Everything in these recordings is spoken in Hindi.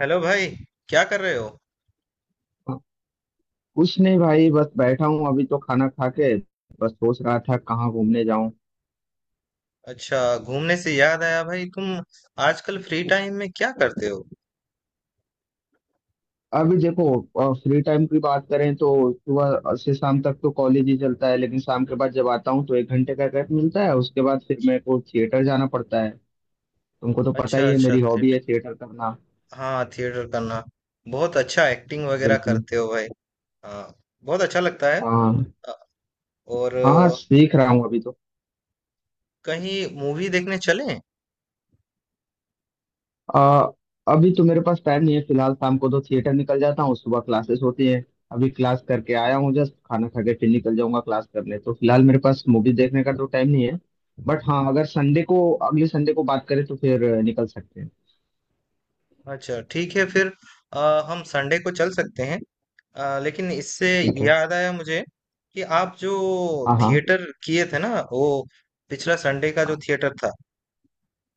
हेलो भाई। क्या कर रहे हो। कुछ नहीं भाई, बस बैठा हूँ। अभी तो खाना खा के बस सोच रहा था कहाँ घूमने जाऊं। अच्छा, घूमने से याद आया, भाई तुम आजकल फ्री टाइम में क्या करते हो। अभी देखो, फ्री टाइम की बात करें तो सुबह से शाम तक तो कॉलेज ही चलता है, लेकिन शाम के बाद जब आता हूँ तो एक घंटे का गैप मिलता है। उसके बाद फिर मेरे को थिएटर जाना पड़ता है। तुमको तो पता अच्छा ही है, अच्छा, मेरी हॉबी थिएटर। है थिएटर करना। हाँ, थिएटर करना। बहुत अच्छा, एक्टिंग वगैरह बिल्कुल। करते हो भाई। हाँ, बहुत अच्छा लगता है। हाँ। अ, और हाँ, अ, सीख रहा हूँ अभी तो। कहीं मूवी देखने चलें। आ, अभी तो मेरे पास टाइम नहीं है, फिलहाल शाम को तो थिएटर निकल जाता हूँ, सुबह क्लासेस होती हैं। अभी क्लास करके आया हूँ, जस्ट खाना खा के फिर निकल जाऊंगा क्लास करने, तो फिलहाल मेरे पास मूवी देखने का तो टाइम नहीं है। बट हाँ, अगर संडे को, अगले संडे को बात करें तो फिर निकल सकते हैं। अच्छा ठीक है फिर। हम संडे को चल सकते हैं। लेकिन इससे ठीक है। याद आया मुझे कि आप जो हाँ हाँ। थिएटर किए थे ना, वो पिछला संडे का जो हाँ थिएटर था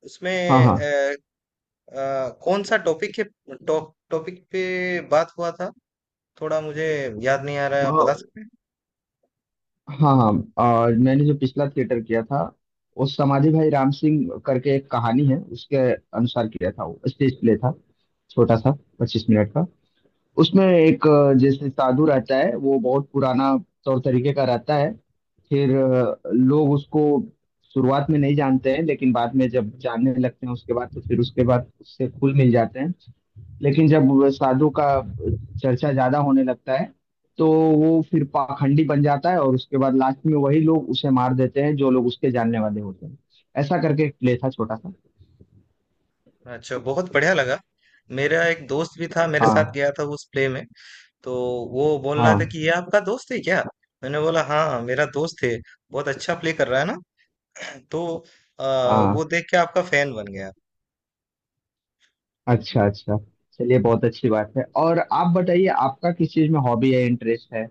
उसमें हाँ। हाँ। अ, कौन सा टॉपिक है, टॉपिक पे बात हुआ था। थोड़ा मुझे याद नहीं आ रहा है, अ, आप बता सकते हैं। हाँ हाँ। मैंने जो पिछला थिएटर किया था वो समाधि भाई राम सिंह करके एक कहानी है, उसके अनुसार किया था। वो स्टेज प्ले था, छोटा सा, 25 मिनट का। उसमें एक जैसे साधु रहता है, वो बहुत पुराना तौर तरीके का रहता है। फिर लोग उसको शुरुआत में नहीं जानते हैं, लेकिन बाद में जब जानने लगते हैं उसके बाद तो फिर उसके बाद उससे घुल मिल जाते हैं। लेकिन जब वो साधु का चर्चा ज्यादा होने लगता है तो वो फिर पाखंडी बन जाता है, और उसके बाद लास्ट में वही लोग उसे मार देते हैं जो लोग उसके जानने वाले होते हैं। ऐसा करके एक प्ले था, छोटा सा। अच्छा, बहुत बढ़िया लगा। मेरा एक दोस्त भी था, मेरे साथ हाँ गया था उस प्ले में। तो वो बोल रहा था हाँ। कि ये आपका दोस्त है क्या। मैंने बोला हाँ हाँ, मेरा दोस्त है, बहुत अच्छा प्ले कर रहा है ना। तो अ, वो हाँ। देख के आपका फैन बन गया। अच्छा अच्छा। चलिए बहुत अच्छी बात है। और आप बताइए, आपका किस चीज में हॉबी है, इंटरेस्ट है?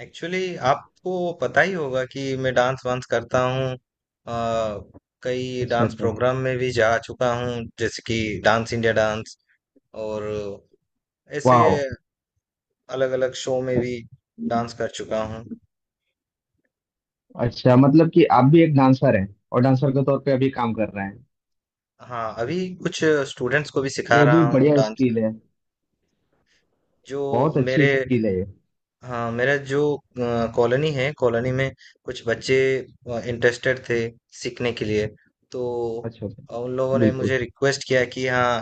एक्चुअली आपको पता ही होगा कि मैं डांस वांस करता हूँ। अ, कई अच्छा डांस अच्छा। प्रोग्राम में भी जा चुका हूँ, जैसे कि डांस इंडिया डांस। और ऐसे वाह। अलग अलग शो में भी डांस कर चुका हूँ। अच्छा, मतलब कि आप भी एक डांसर हैं और डांसर के तौर पे अभी काम कर रहे हैं। हाँ, अभी कुछ स्टूडेंट्स को भी सिखा ये भी रहा हूँ बढ़िया डांस। स्किल है। जो बहुत मेरे अच्छी स्किल है ये। हाँ मेरा जो कॉलोनी है, कॉलोनी में कुछ बच्चे इंटरेस्टेड थे सीखने के लिए। तो अच्छा अच्छा। उन लोगों ने मुझे बिल्कुल। रिक्वेस्ट किया कि हाँ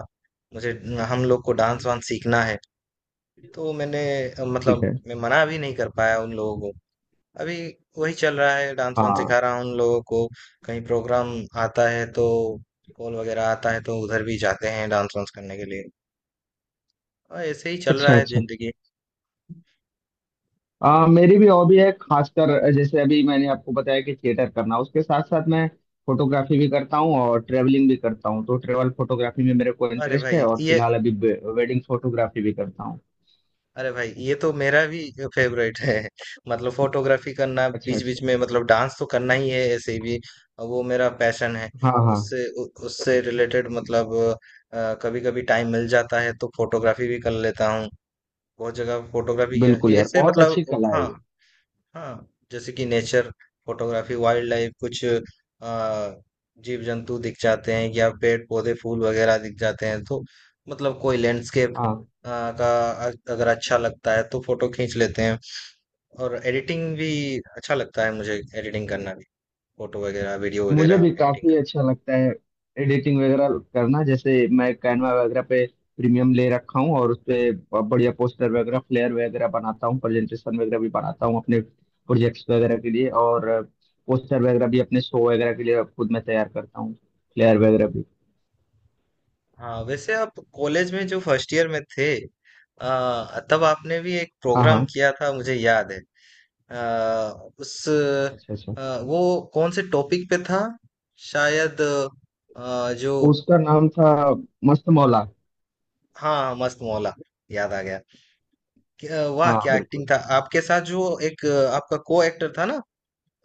मुझे, हम लोग को डांस वांस सीखना है। तो ठीक मतलब है। मैं मना भी नहीं कर पाया उन लोगों को। अभी वही चल रहा है, डांस वांस हाँ। सिखा रहा हूँ उन लोगों को। कहीं प्रोग्राम आता है तो, कॉल वगैरह आता है तो उधर भी जाते हैं डांस वांस करने के लिए। और ऐसे ही चल रहा अच्छा है अच्छा। जिंदगी। मेरी भी हॉबी है, खासकर जैसे अभी मैंने आपको बताया कि थिएटर करना, उसके साथ साथ मैं फोटोग्राफी भी करता हूँ और ट्रेवलिंग भी करता हूँ। तो ट्रेवल फोटोग्राफी में मेरे को अरे इंटरेस्ट भाई है, और ये फिलहाल अभी वेडिंग फोटोग्राफी भी करता हूँ। अरे भाई, ये तो मेरा भी फेवरेट है मतलब फोटोग्राफी करना, अच्छा बीच अच्छा। बीच में। मतलब डांस तो करना ही है ऐसे भी, और वो मेरा पैशन है। हाँ हाँ। उससे रिलेटेड मतलब कभी कभी टाइम मिल जाता है तो फोटोग्राफी भी कर लेता हूँ। बहुत जगह फोटोग्राफी किया बिल्कुल यार, ऐसे, बहुत मतलब अच्छी कला है हाँ ये। हाँ, जैसे कि नेचर फोटोग्राफी, वाइल्ड लाइफ। कुछ जीव जंतु दिख जाते हैं, या पेड़ पौधे फूल वगैरह दिख जाते हैं तो मतलब कोई लैंडस्केप हाँ। का अगर अच्छा लगता है तो फोटो खींच लेते हैं। और एडिटिंग भी अच्छा लगता है मुझे, एडिटिंग करना भी, फोटो वगैरह वीडियो मुझे वगैरह भी एडिटिंग काफी करना। अच्छा लगता है एडिटिंग वगैरह करना। जैसे मैं कैनवा वगैरह पे प्रीमियम ले रखा हूँ और उस पे बढ़िया पोस्टर वगैरह, फ्लेयर वगैरह बनाता हूँ, प्रेजेंटेशन वगैरह भी बनाता हूँ अपने प्रोजेक्ट्स वगैरह के लिए। और पोस्टर वगैरह भी अपने शो वगैरह के लिए खुद मैं तैयार करता हूँ, फ्लेयर वगैरह भी। हाँ वैसे, आप कॉलेज में जो फर्स्ट ईयर में थे, तब आपने भी एक हाँ प्रोग्राम हाँ। किया था मुझे याद है। अ, उस अच्छा अच्छा। अ, वो कौन से टॉपिक पे था, शायद अ, जो उसका नाम था मस्त मौला। हाँ हाँ, मस्त मौला, याद आ गया। वाह हाँ, क्या एक्टिंग बिल्कुल। था, आपके साथ जो एक आपका को एक्टर था ना,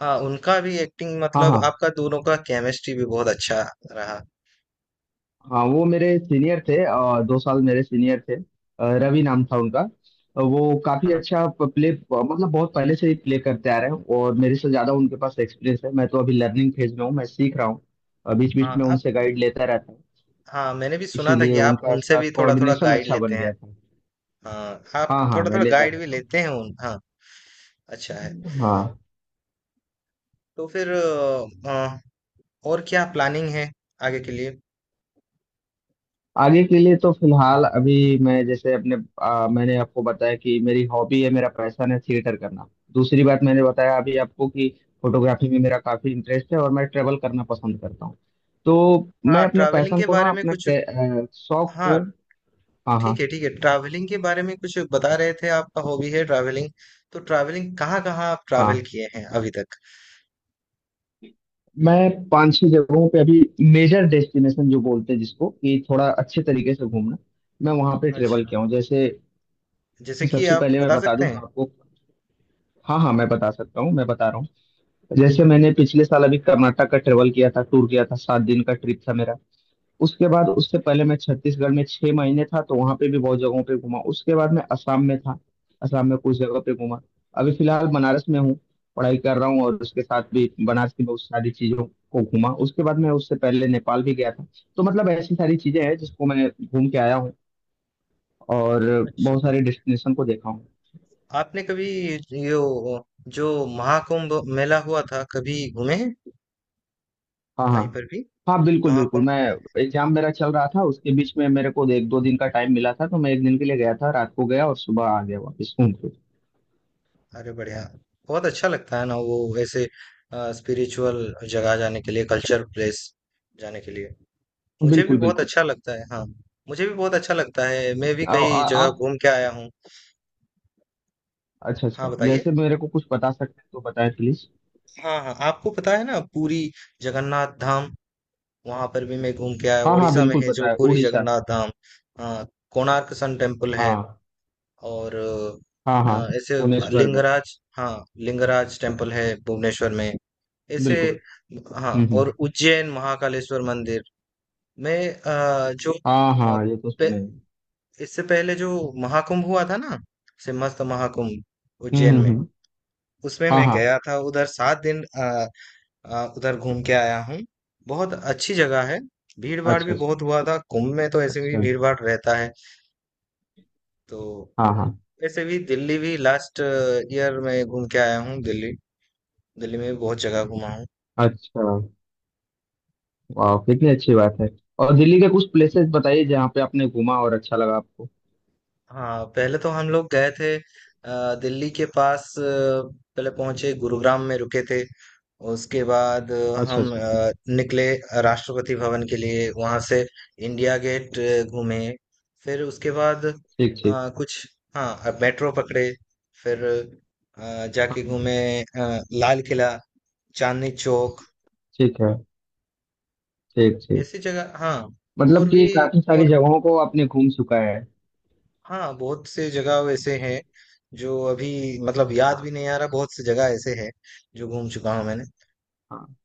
हाँ उनका भी एक्टिंग हाँ हाँ। मतलब आपका दोनों का केमिस्ट्री भी बहुत अच्छा रहा। हाँ, वो मेरे सीनियर थे, 2 साल मेरे सीनियर थे। रवि नाम था उनका। वो काफी हाँ अच्छा प्ले, मतलब बहुत पहले से ही प्ले करते आ रहे हैं, और मेरे से ज्यादा उनके पास एक्सपीरियंस है। मैं तो अभी लर्निंग फेज में हूँ, मैं सीख रहा हूँ, बीच बीच हाँ में आप उनसे गाइड लेता रहता हूँ। हाँ मैंने भी सुना था इसीलिए कि आप उनका उनसे भी साथ थोड़ा थोड़ा कोऑर्डिनेशन गाइड अच्छा लेते बन हैं। गया था। हाँ आप हाँ हाँ, थोड़ा मैं थोड़ा लेता गाइड भी रहता हूँ। लेते हैं उन, हाँ अच्छा है। हाँ। तो फिर और क्या प्लानिंग है आगे के लिए। आगे के लिए तो फिलहाल अभी मैं जैसे अपने मैंने आपको बताया कि मेरी हॉबी है, मेरा पैशन है थिएटर करना। दूसरी बात मैंने बताया अभी आपको कि फोटोग्राफी में मेरा काफी इंटरेस्ट है और मैं ट्रेवल करना पसंद करता हूँ। तो मैं हाँ, अपने ट्रैवलिंग पैशन के को ना, बारे में अपने कुछ। शौक हाँ को। हाँ। हाँ। ठीक है ठीक है, ट्रैवलिंग के बारे में कुछ बता रहे थे, आपका हॉबी है ट्रैवलिंग। तो ट्रैवलिंग कहाँ कहाँ आप ट्रैवल हाँ, किए हैं अभी तक। मैं 5-6 जगहों पे अभी, मेजर डेस्टिनेशन जो बोलते हैं जिसको कि थोड़ा अच्छे तरीके से घूमना, मैं वहां पे अच्छा, ट्रेवल किया हूँ। जैसे, जैसे कि सबसे आप पहले मैं बता बता सकते दूं तो हैं। आपको, हाँ हाँ मैं बता सकता हूँ, मैं बता रहा हूँ। जैसे मैंने पिछले साल अभी कर्नाटक का ट्रेवल किया था, टूर किया था, 7 दिन का ट्रिप था मेरा। उसके बाद, उससे पहले मैं छत्तीसगढ़ में 6 महीने था, तो वहां पे भी बहुत जगहों पे घूमा। उसके बाद मैं असम में था, असम में कुछ जगह पे घूमा। अभी फिलहाल बनारस में हूँ, पढ़ाई कर रहा हूँ, और उसके साथ भी बनारस की बहुत सारी चीजों को घूमा। उसके बाद मैं, उससे पहले नेपाल भी गया था। तो मतलब ऐसी सारी चीजें हैं जिसको मैं घूम के आया हूँ, और अच्छा बहुत बहुत सारे डेस्टिनेशन को देखा हूँ। बढ़िया, आपने कभी ये वो- जो महाकुंभ मेला हुआ था, कभी घूमे हैं, हाँ हाँ। कहीं पर भी हाँ, बिल्कुल बिल्कुल। महाकुंभ। मैं एग्जाम मेरा चल रहा था, उसके बीच में मेरे को 1-2 दिन का टाइम मिला था, तो मैं एक दिन के लिए गया था, रात को गया और सुबह आ गया वापस घूम के। अरे बढ़िया, बहुत अच्छा लगता है ना वो, ऐसे स्पिरिचुअल जगह जाने के लिए, कल्चर प्लेस जाने के लिए, मुझे भी बिल्कुल बहुत बिल्कुल। अच्छा लगता है। हाँ, मुझे भी बहुत अच्छा लगता है, मैं भी आ, कई आ, जगह आप, घूम के आया हूँ। अच्छा हाँ अच्छा, बताइए। जैसे मेरे को कुछ बता सकते हैं तो बताएं प्लीज। हाँ हाँ, आपको पता है ना पुरी जगन्नाथ धाम, वहां पर भी मैं घूम के आया। हाँ हाँ, उड़ीसा में बिल्कुल है जो पता है, पुरी उड़ीसा। जगन्नाथ धाम। हाँ, कोणार्क सन टेम्पल है। हाँ। और हाँ अ, हाँ, ऐसे भुवनेश्वर में। लिंगराज, हाँ लिंगराज टेम्पल है भुवनेश्वर में, ऐसे बिल्कुल। हाँ। और हम्म। उज्जैन महाकालेश्वर मंदिर, मैं अ, जो हाँ हाँ, ये तो सुने हैं। इससे पहले जो महाकुंभ हुआ था ना, सिम्हस्थ महाकुंभ उज्जैन में, हम्म। उसमें हाँ मैं हाँ। गया था उधर सात दिन। उधर घूम के आया हूँ। बहुत अच्छी जगह है, भीड़ भाड़ अच्छा भी अच्छा। बहुत हुआ था कुंभ में, तो ऐसे भी अच्छा। भीड़ भाड़ रहता है। तो हाँ हाँ। ऐसे भी, दिल्ली भी लास्ट ईयर में घूम के आया हूँ, दिल्ली। दिल्ली में भी बहुत जगह घूमा हूँ। अच्छा। वाह, कितनी अच्छी बात है। और दिल्ली के कुछ प्लेसेस बताइए जहाँ पे आपने घूमा और अच्छा लगा आपको। हाँ पहले तो हम लोग गए थे दिल्ली के पास, पहले पहुंचे गुरुग्राम में, रुके थे। उसके बाद अच्छा अच्छा। निकले राष्ट्रपति भवन के लिए। वहां से इंडिया गेट घूमे। फिर उसके बाद ठीक ठीक। कुछ मेट्रो पकड़े। फिर जाके हाँ। घूमे लाल किला, चांदनी चौक, ठीक है। ठीक ठीक। ऐसी जगह हाँ। मतलब और कि भी, काफी सारी और जगहों को आपने घूम चुका है। हाँ बहुत से जगह वैसे हैं जो अभी मतलब याद भी हाँ। नहीं आ रहा, बहुत सी जगह ऐसे हैं जो घूम चुका हूँ मैंने। हाँ,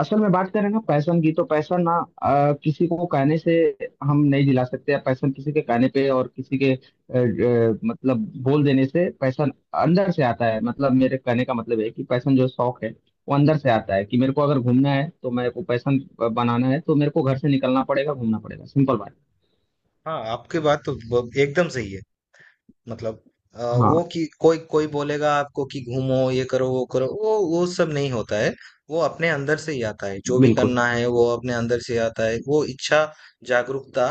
असल में बात करें ना पैशन की, तो पैशन ना किसी को कहने से हम नहीं दिला सकते। पैशन किसी के कहने पे और किसी के मतलब बोल देने से, पैशन अंदर से आता है। मतलब मेरे कहने का मतलब है कि पैशन, जो शौक है, वो अंदर से आता है। कि मेरे को अगर घूमना है तो मेरे को पैशन बनाना है, तो मेरे को घर से निकलना पड़ेगा, घूमना पड़ेगा। सिंपल बात। हाँ आपकी बात तो एकदम सही है। मतलब अ, वो हाँ। कि कोई कोई बोलेगा आपको कि घूमो ये करो वो करो, वो सब नहीं होता है। वो अपने अंदर से ही आता है, जो भी बिल्कुल। करना है वो अपने अंदर से आता है, वो इच्छा जागरूकता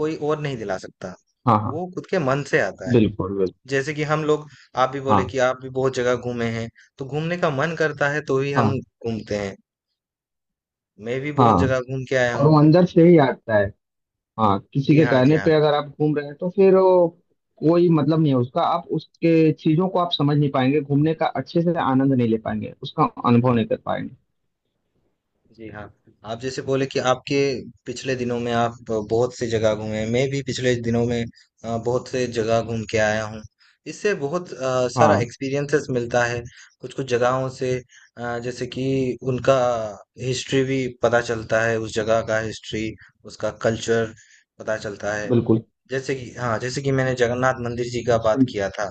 कोई और नहीं दिला सकता, हाँ हाँ। वो खुद के मन से आता है। बिल्कुल बिल्कुल। जैसे कि हम लोग, आप भी बोले हाँ कि आप भी बहुत जगह घूमे हैं, तो घूमने का मन करता है तो ही हम हाँ। घूमते हैं। मैं भी बहुत जगह हाँ, घूम के आया और हूँ। वो अंदर से ही आता है। हाँ, किसी जी के हाँ जी कहने हाँ पे अगर आप घूम रहे हैं तो फिर वो कोई मतलब नहीं है उसका। आप उसके चीजों को आप समझ नहीं पाएंगे, घूमने का अच्छे से आनंद नहीं ले पाएंगे, उसका अनुभव नहीं कर पाएंगे। जी हाँ। आप जैसे बोले कि आपके पिछले दिनों में आप बहुत से जगह घूमे हैं, मैं भी पिछले दिनों में बहुत से जगह घूम के आया हूँ। इससे बहुत सारा हाँ। एक्सपीरियंसेस मिलता है, कुछ कुछ जगहों से। जैसे कि उनका हिस्ट्री भी पता चलता है, उस जगह का हिस्ट्री, उसका कल्चर पता चलता है। बिल्कुल। जैसे कि हाँ, जैसे कि मैंने जगन्नाथ मंदिर जी का बात अच्छा। किया था,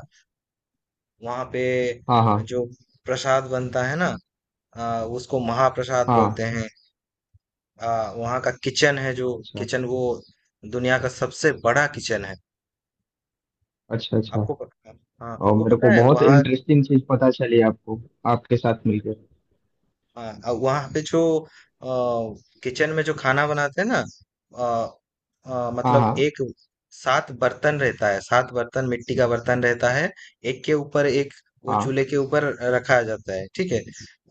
वहाँ पे हाँ हाँ। जो प्रसाद बनता है ना, उसको महाप्रसाद बोलते हाँ। हैं। वहाँ का किचन है, जो अच्छा किचन वो दुनिया का सबसे बड़ा किचन है। अच्छा। अच्छा। आपको प- हाँ और आपको मेरे को पता है बहुत वहाँ, इंटरेस्टिंग चीज पता चली, आपको आपके साथ मिलकर। हाँ, वहाँ पे जो किचन में जो खाना बनाते हैं ना, अ, अ, हाँ मतलब हाँ। एक सात बर्तन रहता है, सात बर्तन मिट्टी का बर्तन रहता है, एक के ऊपर एक वो हाँ। चूल्हे के ऊपर रखा जाता है, ठीक है।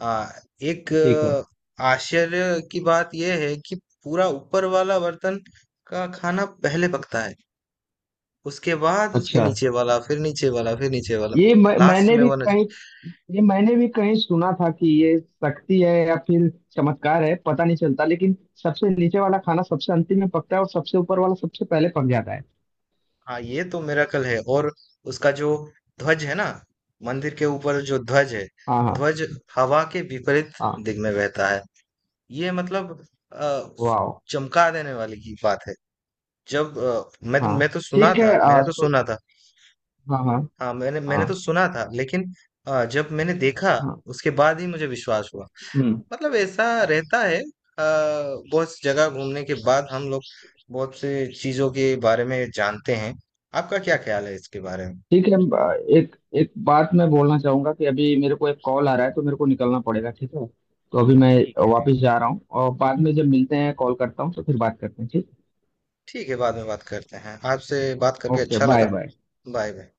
आ, एक ठीक है। आश्चर्य की बात यह है कि पूरा ऊपर वाला बर्तन का खाना पहले पकता है, उसके बाद उसके अच्छा। नीचे वाला, फिर नीचे वाला, फिर नीचे वाला, ये मैं, लास्ट मैंने में भी वो। कहीं ये मैंने भी कहीं सुना था कि ये शक्ति है या फिर चमत्कार है, पता नहीं चलता। लेकिन सबसे नीचे वाला खाना सबसे अंतिम में पकता है और सबसे ऊपर वाला सबसे पहले पक जाता है। हाँ ये तो मिरेकल है। और उसका जो ध्वज है ना, मंदिर के ऊपर जो ध्वज है, हाँ हाँ। ध्वज हवा के विपरीत हाँ। दिग में बहता है। ये मतलब अ, वाओ। चमका देने वाली की बात है। जब अ, हाँ, मैं तो सुना ठीक है। था, मैंने तो सुना था, हाँ हाँ। हाँ मैंने मैंने तो हाँ। सुना था, लेकिन जब मैंने देखा हाँ। उसके बाद ही मुझे विश्वास हुआ। हम्म। मतलब ऐसा रहता है। बहुत सी जगह घूमने के बाद हम लोग बहुत सी चीजों के बारे में जानते हैं। आपका क्या ख्याल है इसके बारे में। ठीक है, एक एक बात मैं बोलना चाहूंगा कि अभी मेरे को एक कॉल आ रहा है तो मेरे को निकलना पड़ेगा, ठीक है? तो अभी मैं ठीक है ठीक। वापस जा रहा हूँ और बाद में जब मिलते हैं, कॉल करता हूँ तो फिर बात करते हैं। ठीक। ठीक है बाद में बात करते हैं, आपसे बात करके ओके, अच्छा बाय लगा। बाय। Bye bye.